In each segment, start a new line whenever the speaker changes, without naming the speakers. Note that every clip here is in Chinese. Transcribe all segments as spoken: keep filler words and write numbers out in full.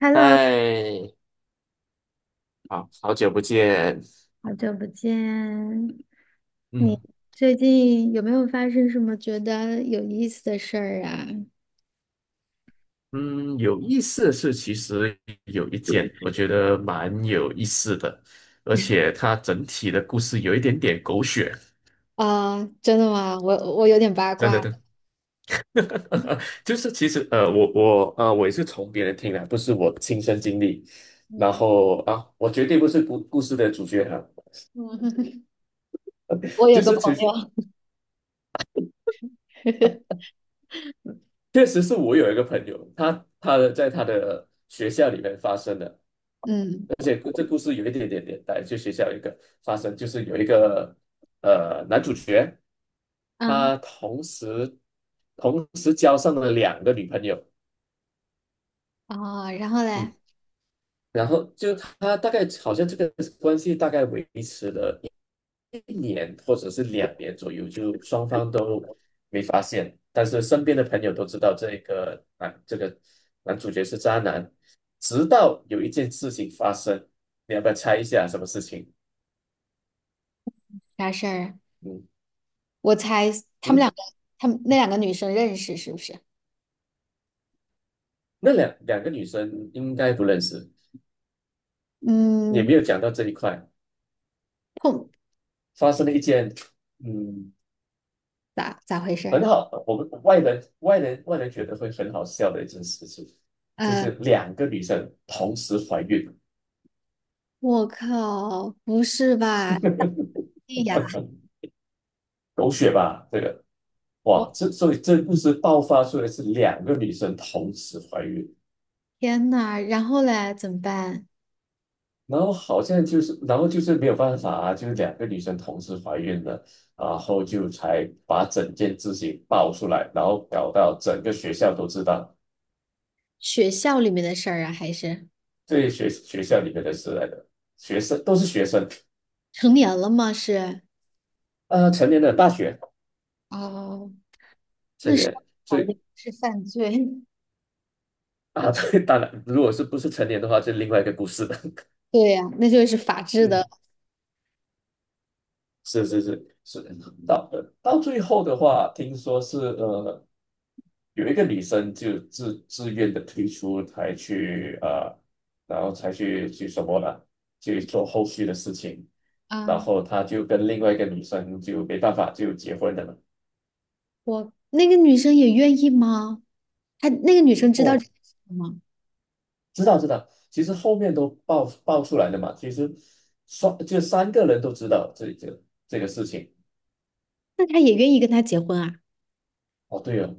Hello，
嗨，好好久不见。
好久不见。你
嗯，
最近有没有发生什么觉得有意思的事儿啊？
嗯，有意思的是，其实有一件我觉得蛮有意思的，而且它整体的故事有一点点狗血，
啊，真的吗？我我有点八
真
卦。
的真的。就是其实呃，我我呃，我也是从别人听来，不是我亲身经历。然
嗯
后啊，我绝对不是故故事的主角啊，
嗯，我有
就
个
是
朋
其实
友，
确实是我有一个朋友，他他的在他的学校里面发生的。
嗯
而且这故事有一点点点，带，就学校有一个发生，就是有一个呃男主角，
嗯，
他同时同时交上了两个女朋友。
啊，然后嘞，
嗯，然后就他大概好像这个关系大概维持了一年或者是两年左右，就双方都没发现，但是身边的朋友都知道这个男这个男主角是渣男，直到有一件事情发生，你要不要猜一下什么事情？
啥事儿？
嗯
我猜他们两
嗯。
个，他们那两个女生认识是不是？
那两两个女生应该不认识，也没
嗯，
有讲到这一块。
碰
发生了一件，嗯，
咋咋回事
很
儿？
好，我们外人外人外人觉得会很好笑的一件事情，就是
呃，
两个女生同时怀孕。
我靠，不是吧？哎呀，
狗血吧？这个，
我
哇，这所以这故事爆发出来是两个女生同时怀孕。
天呐，然后嘞，怎么办？
然后好像就是，然后就是没有办法啊，就是两个女生同时怀孕了。然后就才把整件事情爆出来，然后搞到整个学校都知道。
学校里面的事儿啊，还是
这些学学校里面的是来的学生都是学生，
成年了吗？是，
呃，成年的大学
哦，
成
那是，
年，所
好像
以
是犯罪
啊。对，当然，如果是不是成年的话，就另外一个故事了。
对呀、那就是法治的。
嗯，是是是是，到呃到最后的话，听说是呃有一个女生就自自愿的退出，才去呃，然后才去去什么了，去做后续的事情，然
啊，
后她就跟另外一个女生就没办法就结婚了嘛。
我那个女生也愿意吗？她那个女生知道这
哦，
件事情吗？
知道知道，其实后面都爆爆出来了嘛。其实双就三个人都知道这这这个事情。
那她也愿意跟他结婚啊？
哦，对哦。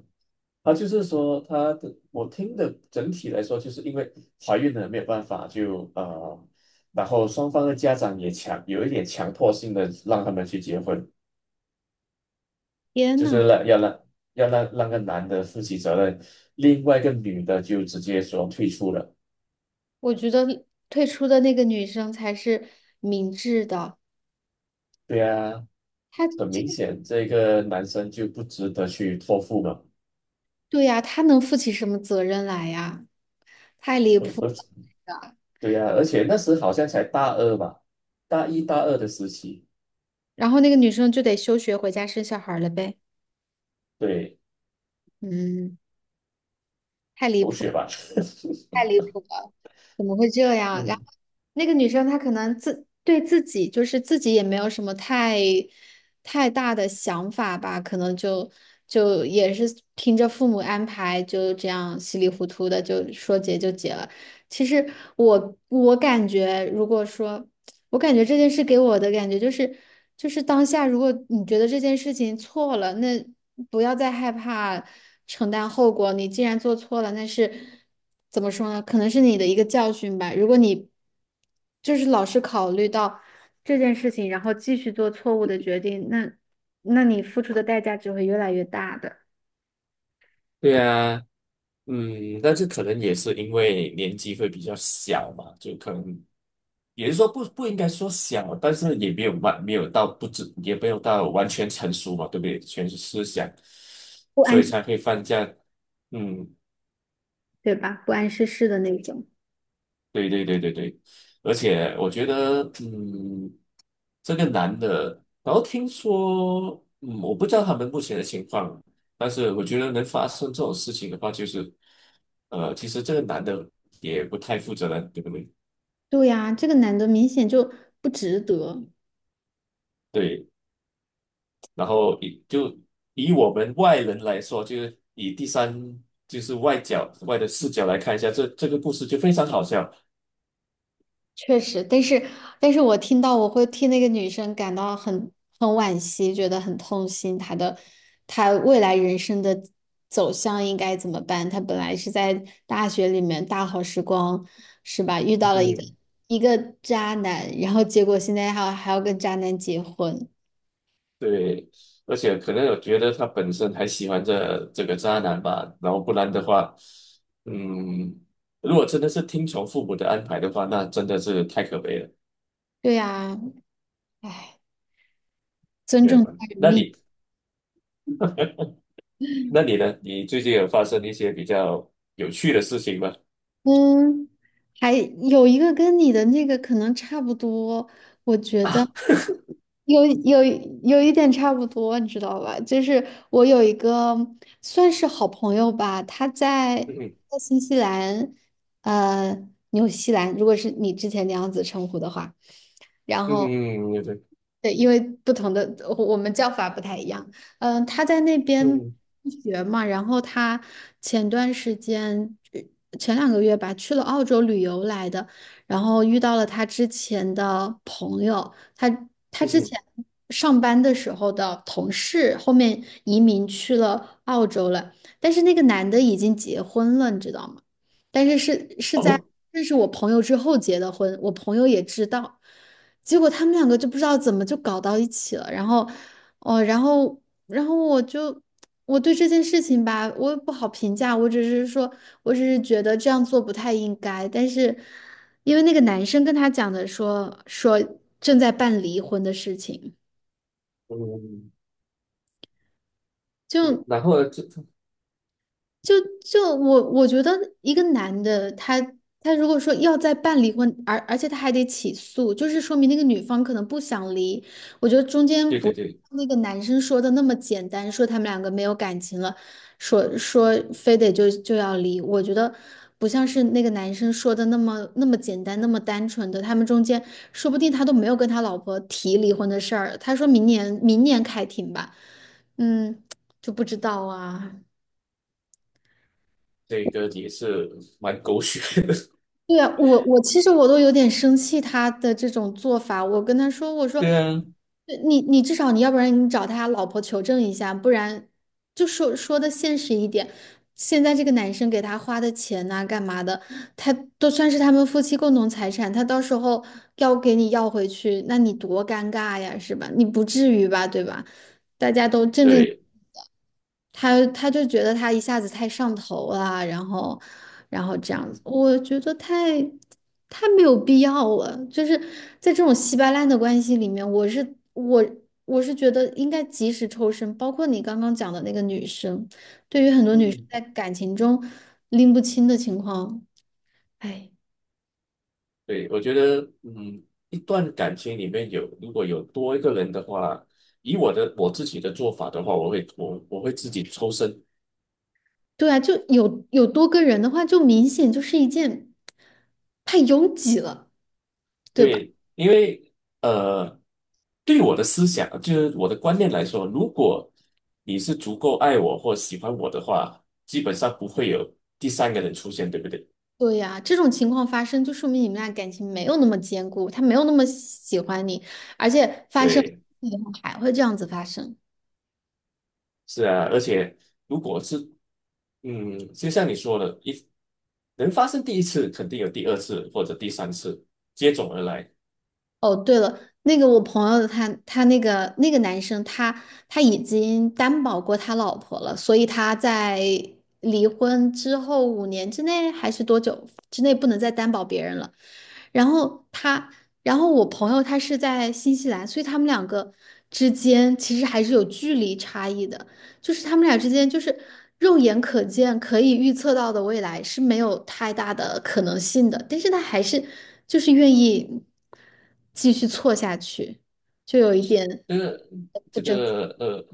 啊，就是说他的，我听的整体来说，就是因为怀孕了没有办法就呃，然后双方的家长也强有一点强迫性的让他们去结婚，
天
就
呐，
是让要让要让让个男的负起责任，另外一个女的就直接说退出了。
我觉得退出的那个女生才是明智的。
对啊，
她
很
这
明
个，
显这个男生就不值得去托付嘛。
对呀、她能负起什么责任来呀？太离谱 了。
对呀、而且那时好像才大二吧，大一大二的时期。
然后那个女生就得休学回家生小孩了呗。
对，
嗯。太离
狗
谱，
血吧。
太 离谱了，怎么会这样？然后
嗯，
那个女生她可能自对自己就是自己也没有什么太太大的想法吧，可能就就也是听着父母安排，就这样稀里糊涂的就说结就结了。其实我我感觉，如果说我感觉这件事给我的感觉就是，就是当下，如果你觉得这件事情错了，那不要再害怕承担后果。你既然做错了，那是怎么说呢？可能是你的一个教训吧。如果你就是老是考虑到这件事情，然后继续做错误的决定，那那你付出的代价只会越来越大的，
对啊，嗯，但是可能也是因为年纪会比较小嘛，就可能也是说不不应该说小，但是也没有完没有到不知也没有到完全成熟嘛，对不对？全是思想，
不
所以
谙，
才会犯这样，嗯，
对吧？不谙世事的那种。
对对对对对。而且我觉得，嗯，这个男的，然后听说，嗯，我不知道他们目前的情况，但是我觉得能发生这种事情的话，就是，呃，其实这个男的也不太负责任，对不对？
对呀，这个男的明显就不值得。
对，然后以就以我们外人来说，就是以第三就是外角外的视角来看一下这这个故事，就非常好笑。
确实，但是但是我听到我会替那个女生感到很很惋惜，觉得很痛心。她的她未来人生的走向应该怎么办？她本来是在大学里面大好时光，是吧？遇到了一个
嗯。
一个渣男，然后结果现在还要还要跟渣男结婚。
对，而且可能我觉得他本身还喜欢这这个渣男吧，然后不然的话，嗯，如果真的是听从父母的安排的话，那真的是太可悲了，
对呀，唉，尊
对
重
吧？
他人
那
命。
你那你呢？你最近有发生一些比较有趣的事情吗？
嗯，还有一个跟你的那个可能差不多，
啊，
有有有一点差不多，你知道吧？就是我有一个算是好朋友吧，他在
嗯哼
在新西兰，呃，纽西兰，如果是你之前那样子称呼的话，然
嗯
后
哼，对对，
对，因为不同的我我们叫法不太一样。嗯、他在那边
嗯
学嘛，然后他前段时间呃前两个月吧，去了澳洲旅游来的，然后遇到了他之前的朋友，他他
嗯
之
哼，
前上班的时候的同事，后面移民去了澳洲了，但是那个男的已经结婚了，你知道吗？但是是是在
哦，
认识我朋友之后结的婚，我朋友也知道。结果他们两个就不知道怎么就搞到一起了，然后，哦，然后，然后我就我对这件事情吧，我也不好评价，我只是说，我只是觉得这样做不太应该，但是因为那个男生跟他讲的说说正在办离婚的事情，
嗯，
就
然后呢？这
就就我我觉得一个男的他他如果说要再办离婚，而而且他还得起诉，就是说明那个女方可能不想离。我觉得中间
对对
不
对。
那个男生说的那么简单，说他们两个没有感情了，说说非得就就要离。我觉得不像是那个男生说的那么那么简单，那么单纯的。他们中间说不定他都没有跟他老婆提离婚的事儿，他说明年明年开庭吧，嗯，就不知道啊。
这个也是蛮狗血的。
对啊，我我其实我都有点生气他的这种做法。我跟他说，我 说，
对啊，
呃你你至少你要不然你找他老婆求证一下，不然就说说的现实一点。现在这个男生给他花的钱呐、干嘛的，他都算是他们夫妻共同财产，他到时候要给你要回去，那你多尴尬呀，是吧？你不至于吧，对吧？大家都正正。
对，
他他就觉得他一下子太上头了，然后，然后这样子，
嗯
我觉得太太没有必要了。就是在这种稀巴烂的关系里面，我是我我是觉得应该及时抽身。包括你刚刚讲的那个女生，对于很多女生
嗯。
在感情中拎不清的情况，哎，
对，我觉得，嗯，一段感情里面有如果有多一个人的话，以我的我自己的做法的话，我会我我会自己抽身。
对啊，就有有多个人的话，就明显就是一件太拥挤了，对吧？
对，因为呃，对我的思想就是我的观念来说，如果你是足够爱我或喜欢我的话，基本上不会有第三个人出现，对不对？
对呀，这种情况发生，就说明你们俩感情没有那么坚固，他没有那么喜欢你，而且发生
对。
以后还会这样子发生。
是啊，而且如果是，嗯，就像你说的，一能发生第一次，肯定有第二次或者第三次接踵而来。
哦，对了，那个我朋友他他那个那个男生他他已经担保过他老婆了，所以他在离婚之后五年之内还是多久之内不能再担保别人了。然后他，然后我朋友他是在新西兰，所以他们两个之间其实还是有距离差异的，就是他们俩之间就是肉眼可见可以预测到的未来是没有太大的可能性的，但是他还是就是愿意继续错下去，就有一点
这个
不
这
争气
个呃，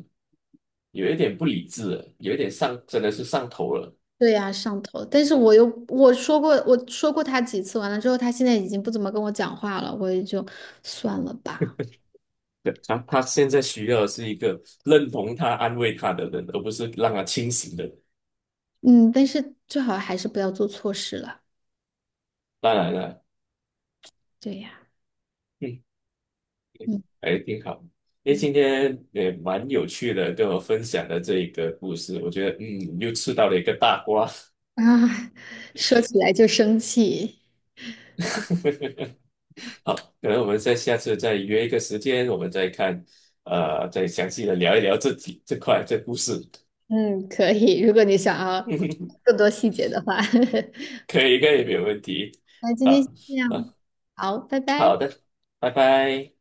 有一点不理智了有一点上，真的是上头了。
对呀，上头。但是我又我说过，我说过他几次，完了之后，他现在已经不怎么跟我讲话了，我也就算了吧。
对，他他现在需要的是一个认同他、安慰他的人，而不是让他清醒的。
嗯，但是最好还是不要做错事了。
当然了，
对呀，
嗯，
嗯，
还挺好。因为
对
今天也蛮有趣的，跟我分享的这一个故事，我觉得嗯，又吃到了一个大瓜。
啊，说起来就生气。
好，可能我们在下次再约一个时间，我们再看，呃，再详细的聊一聊这几这块这故事。
嗯，可以，如果你想要 更多细节的话，
可以，可以，没有问题。
那今天先
好，
这样，
啊
好，拜
好
拜。
好的，拜拜。